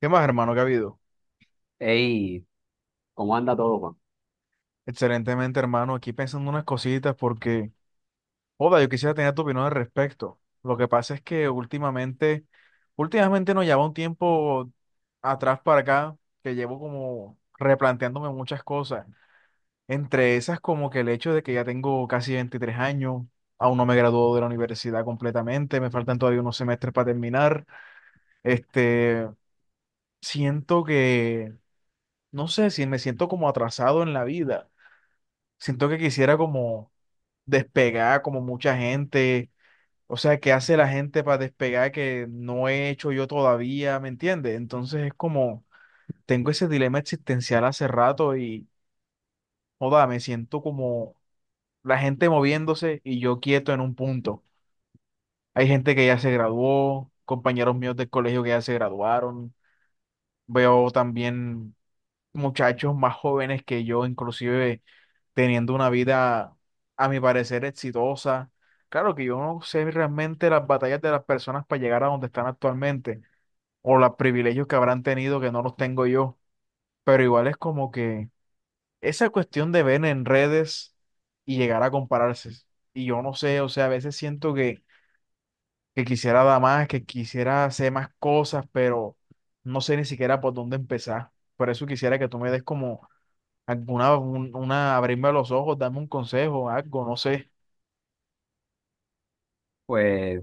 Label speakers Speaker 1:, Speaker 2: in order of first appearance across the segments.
Speaker 1: ¿Qué más, hermano? ¿Qué ha habido?
Speaker 2: Hey, ¿cómo anda todo, Juan?
Speaker 1: Excelentemente, hermano. Aquí pensando unas cositas porque, joda, yo quisiera tener tu opinión al respecto. Lo que pasa es que últimamente, últimamente nos lleva un tiempo atrás para acá que llevo como replanteándome muchas cosas. Entre esas, como que el hecho de que ya tengo casi 23 años, aún no me graduó de la universidad completamente, me faltan todavía unos semestres para terminar. Este, Siento que, no sé, si me siento como atrasado en la vida. Siento que quisiera como despegar como mucha gente. O sea, ¿qué hace la gente para despegar que no he hecho yo todavía? ¿Me entiendes? Entonces es como, tengo ese dilema existencial hace rato y, joda, me siento como la gente moviéndose y yo quieto en un punto. Hay gente que ya se graduó, compañeros míos del colegio que ya se graduaron. Veo también muchachos más jóvenes que yo, inclusive teniendo una vida, a mi parecer, exitosa. Claro que yo no sé realmente las batallas de las personas para llegar a donde están actualmente o los privilegios que habrán tenido que no los tengo yo, pero igual es como que esa cuestión de ver en redes y llegar a compararse. Y yo no sé, o sea, a veces siento que quisiera dar más, que quisiera hacer más cosas, pero no sé ni siquiera por dónde empezar. Por eso quisiera que tú me des como alguna, una, abrirme los ojos, darme un consejo, algo, no sé.
Speaker 2: Pues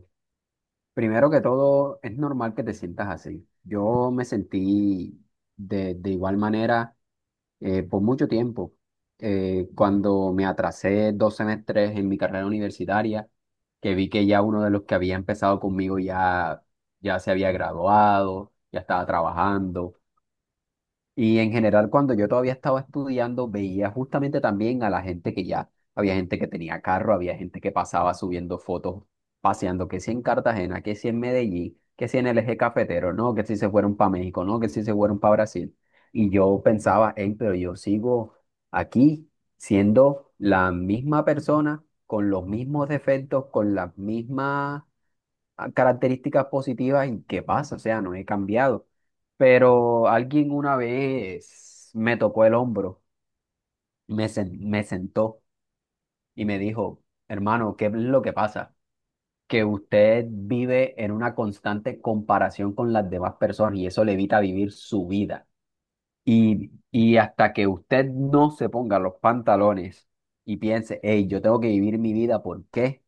Speaker 2: primero que todo, es normal que te sientas así. Yo me sentí de igual manera por mucho tiempo. Cuando me atrasé dos semestres en mi carrera universitaria, que vi que ya uno de los que había empezado conmigo, ya se había graduado, ya estaba trabajando. Y en general, cuando yo todavía estaba estudiando, veía justamente también a la gente que ya, había gente que tenía carro, había gente que pasaba subiendo fotos, paseando, que si en Cartagena, que si en Medellín, que si en el eje cafetero, no, que si se fueron para México, no, que si se fueron para Brasil. Y yo pensaba, hey, pero yo sigo aquí siendo la misma persona, con los mismos defectos, con las mismas características positivas en qué pasa, o sea, no he cambiado. Pero alguien una vez me tocó el hombro, me sentó y me dijo, hermano, ¿qué es lo que pasa? Que usted vive en una constante comparación con las demás personas y eso le evita vivir su vida. Y hasta que usted no se ponga los pantalones y piense, hey, yo tengo que vivir mi vida. ¿Por qué?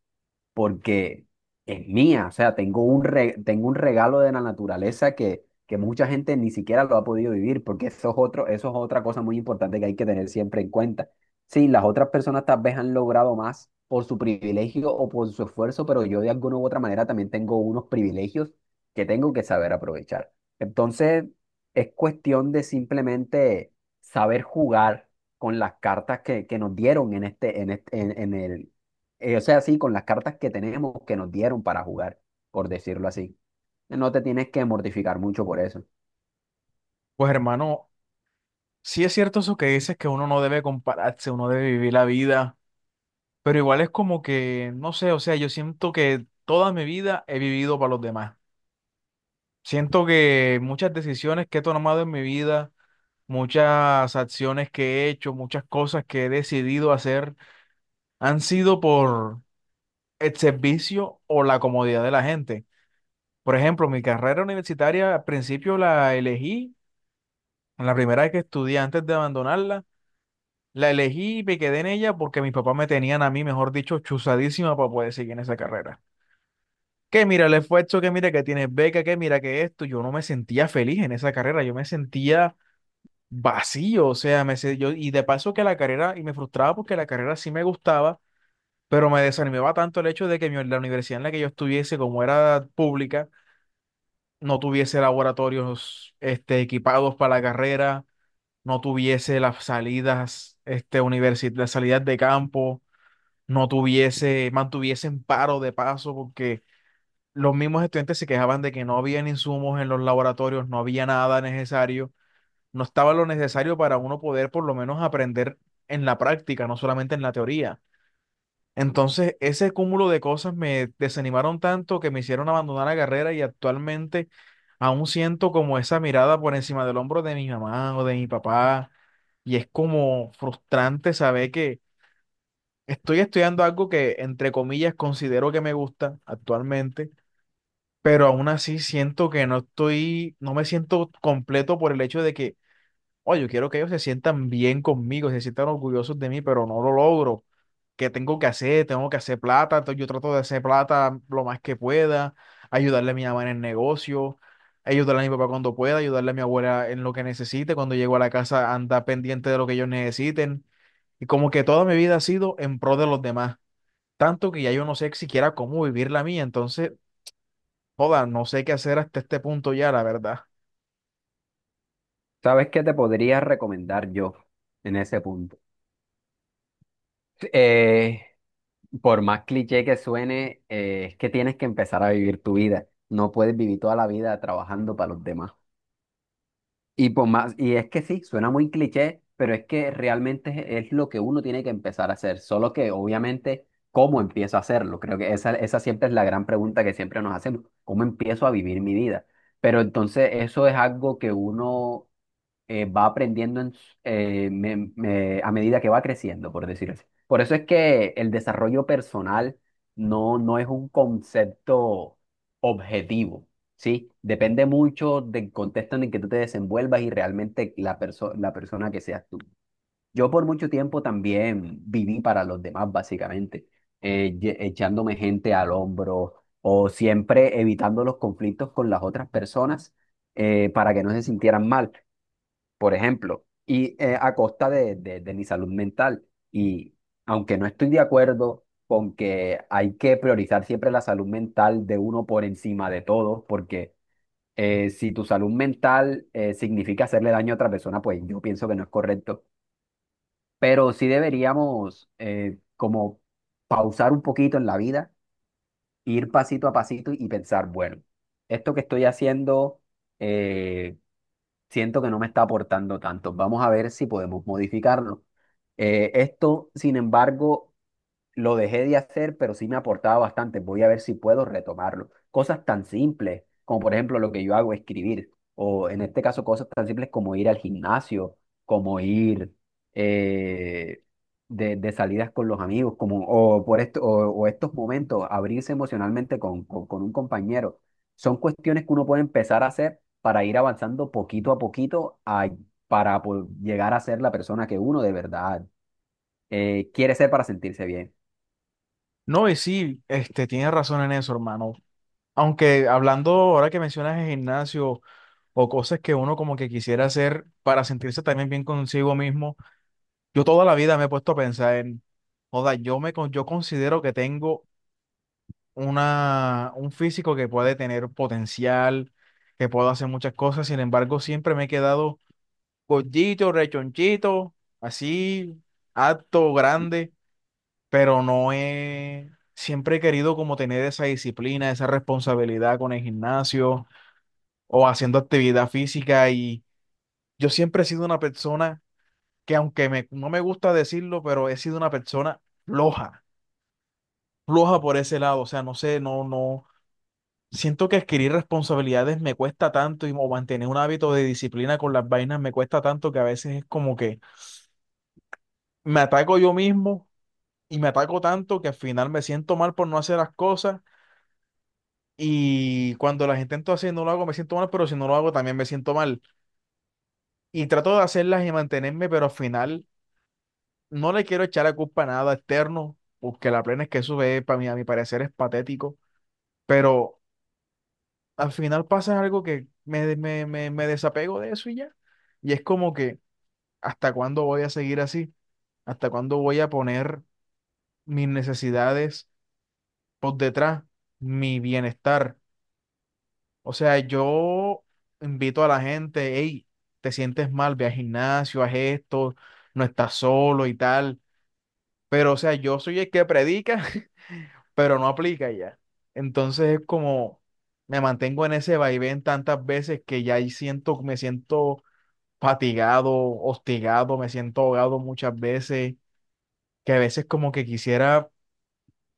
Speaker 2: Porque es mía, o sea, tengo un regalo de la naturaleza que mucha gente ni siquiera lo ha podido vivir, porque eso es otro, eso es otra cosa muy importante que hay que tener siempre en cuenta. Sí, las otras personas tal vez han logrado más por su privilegio o por su esfuerzo, pero yo de alguna u otra manera también tengo unos privilegios que tengo que saber aprovechar. Entonces, es cuestión de simplemente saber jugar con las cartas que nos dieron en este, en este, en el, o sea, sí, con las cartas que tenemos que nos dieron para jugar, por decirlo así. No te tienes que mortificar mucho por eso.
Speaker 1: Pues hermano, sí es cierto eso que dices que uno no debe compararse, uno debe vivir la vida, pero igual es como que, no sé, o sea, yo siento que toda mi vida he vivido para los demás. Siento que muchas decisiones que he tomado en mi vida, muchas acciones que he hecho, muchas cosas que he decidido hacer, han sido por el servicio o la comodidad de la gente. Por ejemplo, mi carrera universitaria al principio la elegí, en la primera vez que estudié antes de abandonarla. La elegí y me quedé en ella porque mis papás me tenían a mí, mejor dicho, chuzadísima para poder seguir en esa carrera. Que mira el esfuerzo, que mira que tienes beca, que mira que esto. Yo no me sentía feliz en esa carrera, yo me sentía vacío, o sea, y de paso que la carrera, y me frustraba porque la carrera sí me gustaba, pero me desanimaba tanto el hecho de que la universidad en la que yo estuviese, como era pública, no tuviese laboratorios equipados para la carrera, no tuviese las salidas, las salidas de campo. No tuviese, mantuviesen paro de paso, porque los mismos estudiantes se quejaban de que no habían insumos en los laboratorios, no había nada necesario, no estaba lo necesario para uno poder por lo menos aprender en la práctica, no solamente en la teoría. Entonces, ese cúmulo de cosas me desanimaron tanto que me hicieron abandonar la carrera y actualmente aún siento como esa mirada por encima del hombro de mi mamá o de mi papá. Y es como frustrante saber que estoy estudiando algo que, entre comillas, considero que me gusta actualmente, pero aún así siento que no estoy, no me siento completo por el hecho de que, oye, yo quiero que ellos se sientan bien conmigo, se sientan orgullosos de mí, pero no lo logro. ¿Qué tengo que hacer? Tengo que hacer plata, entonces yo trato de hacer plata lo más que pueda, ayudarle a mi mamá en el negocio, ayudarle a mi papá cuando pueda, ayudarle a mi abuela en lo que necesite, cuando llego a la casa anda pendiente de lo que ellos necesiten. Y como que toda mi vida ha sido en pro de los demás tanto que ya yo no sé siquiera cómo vivir la mía, entonces, joda, no sé qué hacer hasta este punto ya, la verdad.
Speaker 2: ¿Sabes qué te podría recomendar yo en ese punto? Eh, por más cliché que suene, es que tienes que empezar a vivir tu vida. No puedes vivir toda la vida trabajando para los demás. Y por más, y es que sí, suena muy cliché, pero es que realmente es lo que uno tiene que empezar a hacer, solo que obviamente cómo empiezo a hacerlo, creo que esa siempre es la gran pregunta que siempre nos hacemos, ¿cómo empiezo a vivir mi vida? Pero entonces eso es algo que uno va aprendiendo en s- me- me- a medida que va creciendo, por decir así. Por eso es que el desarrollo personal no es un concepto objetivo, ¿sí? Depende mucho del contexto en el que tú te desenvuelvas y realmente la persona que seas tú. Yo por mucho tiempo también viví para los demás, básicamente, echándome gente al hombro o siempre evitando los conflictos con las otras personas para que no se sintieran mal, por ejemplo, y a costa de mi salud mental. Y aunque no estoy de acuerdo con que hay que priorizar siempre la salud mental de uno por encima de todo, porque si tu salud mental significa hacerle daño a otra persona, pues yo pienso que no es correcto. Pero sí deberíamos, como, pausar un poquito en la vida, ir pasito a pasito y pensar, bueno, esto que estoy haciendo, eh, siento que no me está aportando tanto. Vamos a ver si podemos modificarlo. Esto, sin embargo, lo dejé de hacer, pero sí me aportaba bastante. Voy a ver si puedo retomarlo. Cosas tan simples como, por ejemplo, lo que yo hago, escribir. O en este caso, cosas tan simples como ir al gimnasio, como ir eh, de salidas con los amigos, como, o estos momentos, abrirse emocionalmente con un compañero. Son cuestiones que uno puede empezar a hacer para ir avanzando poquito a para llegar a ser la persona que uno de verdad quiere ser para sentirse bien.
Speaker 1: No, y sí, tienes razón en eso, hermano. Aunque hablando ahora que mencionas el gimnasio o cosas que uno como que quisiera hacer para sentirse también bien consigo mismo, yo toda la vida me he puesto a pensar en, joda, yo considero que tengo una un físico que puede tener potencial, que puedo hacer muchas cosas, sin embargo, siempre me he quedado gordito, rechonchito, así, alto, grande, pero no he, siempre he querido como tener esa disciplina, esa responsabilidad con el gimnasio o haciendo actividad física y yo siempre he sido una persona que aunque me, no me gusta decirlo, pero he sido una persona floja, floja por ese lado, o sea, no sé, no, no. Siento que adquirir responsabilidades me cuesta tanto y o mantener un hábito de disciplina con las vainas me cuesta tanto que a veces es como que me ataco yo mismo y me ataco tanto que al final me siento mal por no hacer las cosas y cuando las intento hacer y no lo hago me siento mal, pero si no lo hago también me siento mal. Y trato de hacerlas y mantenerme, pero al final no le quiero echar la culpa a nada externo, porque la plena es que eso es, para mí, a mi parecer es patético, pero al final pasa algo que me desapego de eso y ya. Y es como que, ¿hasta cuándo voy a seguir así? ¿Hasta cuándo voy a poner mis necesidades por detrás, mi bienestar? O sea, yo invito a la gente, hey, te sientes mal, ve al gimnasio, haz esto, no estás solo y tal. Pero, o sea, yo soy el que predica, pero no aplica ya. Entonces es como, me mantengo en ese vaivén tantas veces que ya ahí siento, me siento fatigado, hostigado, me siento ahogado muchas veces, que a veces como que quisiera,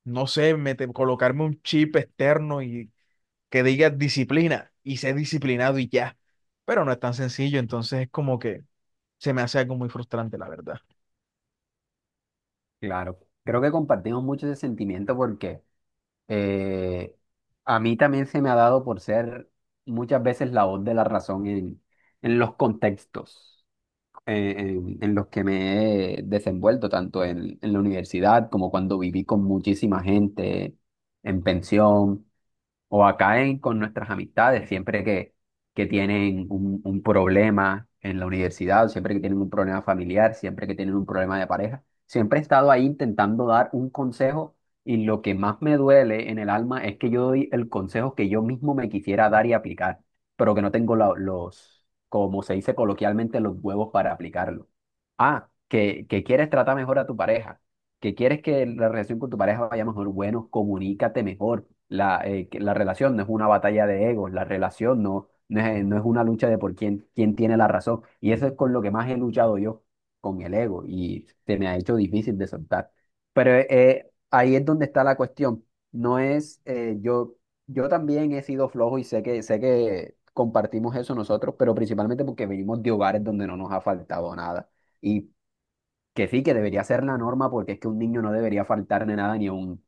Speaker 1: no sé, colocarme un chip externo y que diga disciplina y sé disciplinado y ya. Pero no es tan sencillo, entonces es como que se me hace algo muy frustrante, la verdad.
Speaker 2: Claro, creo que compartimos mucho ese sentimiento porque eh, a mí también se me ha dado por ser muchas veces la voz de la razón en los contextos, en los que me he desenvuelto, tanto en la universidad como cuando viví con muchísima gente en pensión o acá con nuestras amistades, siempre que tienen un problema en la universidad, o siempre que tienen un problema familiar, siempre que tienen un problema de pareja, siempre he estado ahí intentando dar un consejo, y lo que más me duele en el alma es que yo doy el consejo que yo mismo me quisiera dar y aplicar, pero que no tengo los, como se dice coloquialmente, los huevos para aplicarlo. Ah, que quieres tratar mejor a tu pareja, que quieres que la relación con tu pareja vaya mejor, bueno, comunícate mejor. Que la relación no es una batalla de egos, la relación no es, no es una lucha de por quién tiene la razón. Y eso es con lo que más he luchado yo, con el ego, y se me ha hecho difícil de soltar. Pero ahí es donde está la cuestión. No es, yo, Yo también he sido flojo y sé sé que compartimos eso nosotros, pero principalmente porque venimos de hogares donde no nos ha faltado nada. Y que sí, que debería ser la norma porque es que un niño no debería faltarle nada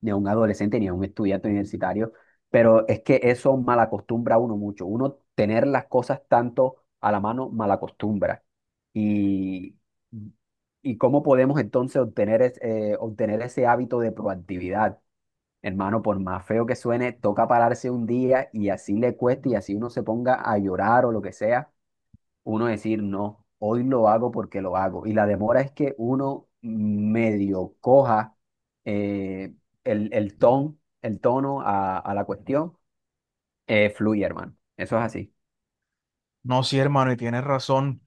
Speaker 2: ni a un adolescente ni a un estudiante universitario, pero es que eso malacostumbra a uno mucho. Uno tener las cosas tanto a la mano malacostumbra. Y, y cómo podemos entonces obtener ese hábito de proactividad. Hermano, por más feo que suene, toca pararse un día y así le cueste y así uno se ponga a llorar o lo que sea, uno decir, no, hoy lo hago porque lo hago. Y la demora es que uno medio coja eh, el ton, el tono a la cuestión, fluye, hermano. Eso es así.
Speaker 1: No, sí, hermano, y tienes razón.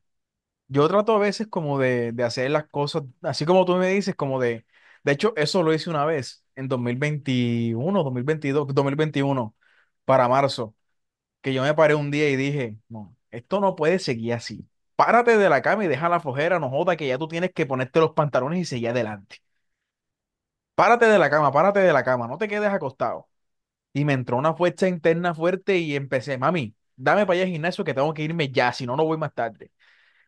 Speaker 1: Yo trato a veces como de hacer las cosas, así como tú me dices, como de hecho, eso lo hice una vez en dos dos mil mil veintiuno dos mil veintidós 2021 para marzo, que yo me paré un día y dije, no, esto no puede seguir así. Párate de la cama y deja la flojera, no joda, que ya tú tienes que ponerte los pantalones y seguir adelante. Párate de la cama, párate de la cama, no te quedes acostado. Y me entró una fuerza interna fuerte y empecé, mami, dame para allá al gimnasio que tengo que irme ya, si no, no voy más tarde.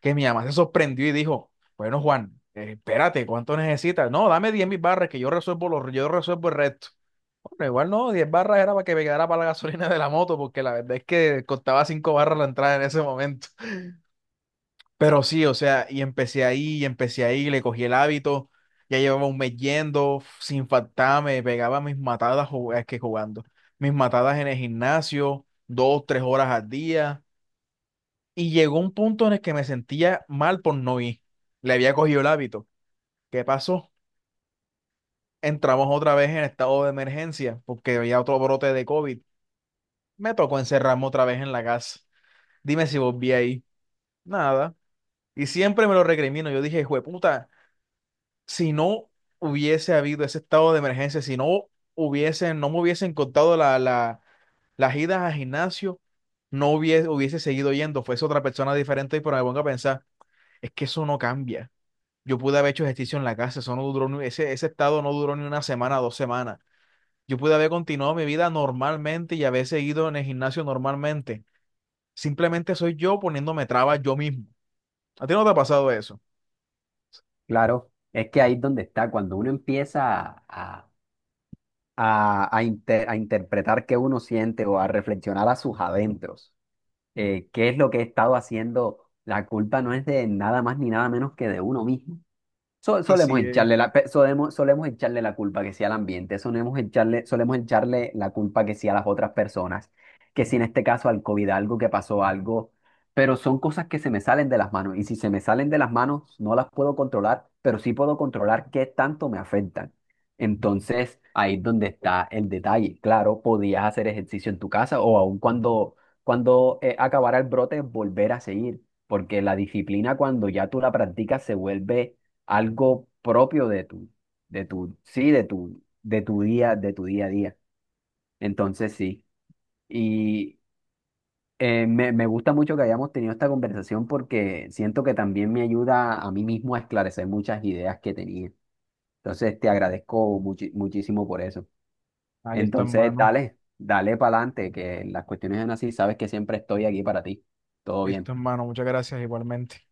Speaker 1: Que mi mamá se sorprendió y dijo, bueno, Juan, espérate, ¿cuánto necesitas? No, dame 10.000 barras que yo resuelvo, los, yo resuelvo el resto. Bueno, igual no, 10 barras era para que me quedara para la gasolina de la moto, porque la verdad es que costaba 5 barras la entrada en ese momento. Pero sí, o sea, y empecé ahí, le cogí el hábito, ya llevaba un mes yendo, sin faltar, me pegaba mis matadas jug- es que jugando, mis matadas en el gimnasio, 2, 3 horas al día, y llegó un punto en el que me sentía mal por no ir, le había cogido el hábito. ¿Qué pasó? Entramos otra vez en estado de emergencia, porque había otro brote de COVID, me tocó encerrarme otra vez en la casa, dime si volví ahí, nada, y siempre me lo recrimino, yo dije, puta, si no hubiese habido ese estado de emergencia, si no hubiesen, no me hubiesen contado las idas al gimnasio, no hubiese, hubiese seguido yendo, fuese otra persona diferente, pero me pongo a pensar, es que eso no cambia. Yo pude haber hecho ejercicio en la casa, eso no duró, ese estado no duró ni una semana, 2 semanas. Yo pude haber continuado mi vida normalmente y haber seguido en el gimnasio normalmente. Simplemente soy yo poniéndome trabas yo mismo. ¿A ti no te ha pasado eso?
Speaker 2: Claro, es que ahí es donde está, cuando uno empieza a interpretar qué uno siente o a reflexionar a sus adentros, qué es lo que he estado haciendo. La culpa no es de nada más ni nada menos que de uno mismo.
Speaker 1: Así es.
Speaker 2: Solemos echarle la culpa que sea al ambiente, solemos echarle la culpa que sea a las otras personas, que si en este caso al COVID algo, que pasó algo, pero son cosas que se me salen de las manos y si se me salen de las manos no las puedo controlar, pero sí puedo controlar qué tanto me afectan. Entonces ahí es donde está el detalle. Claro, podías hacer ejercicio en tu casa o aun cuando acabara el brote volver a seguir, porque la disciplina cuando ya tú la practicas se vuelve algo propio de tu día a día. Entonces, sí. Y me gusta mucho que hayamos tenido esta conversación porque siento que también me ayuda a mí mismo a esclarecer muchas ideas que tenía. Entonces, te agradezco muchísimo por eso.
Speaker 1: Ah, listo,
Speaker 2: Entonces,
Speaker 1: hermano.
Speaker 2: dale, dale para adelante, que las cuestiones son así, sabes que siempre estoy aquí para ti. Todo bien.
Speaker 1: Listo, hermano. Muchas gracias igualmente.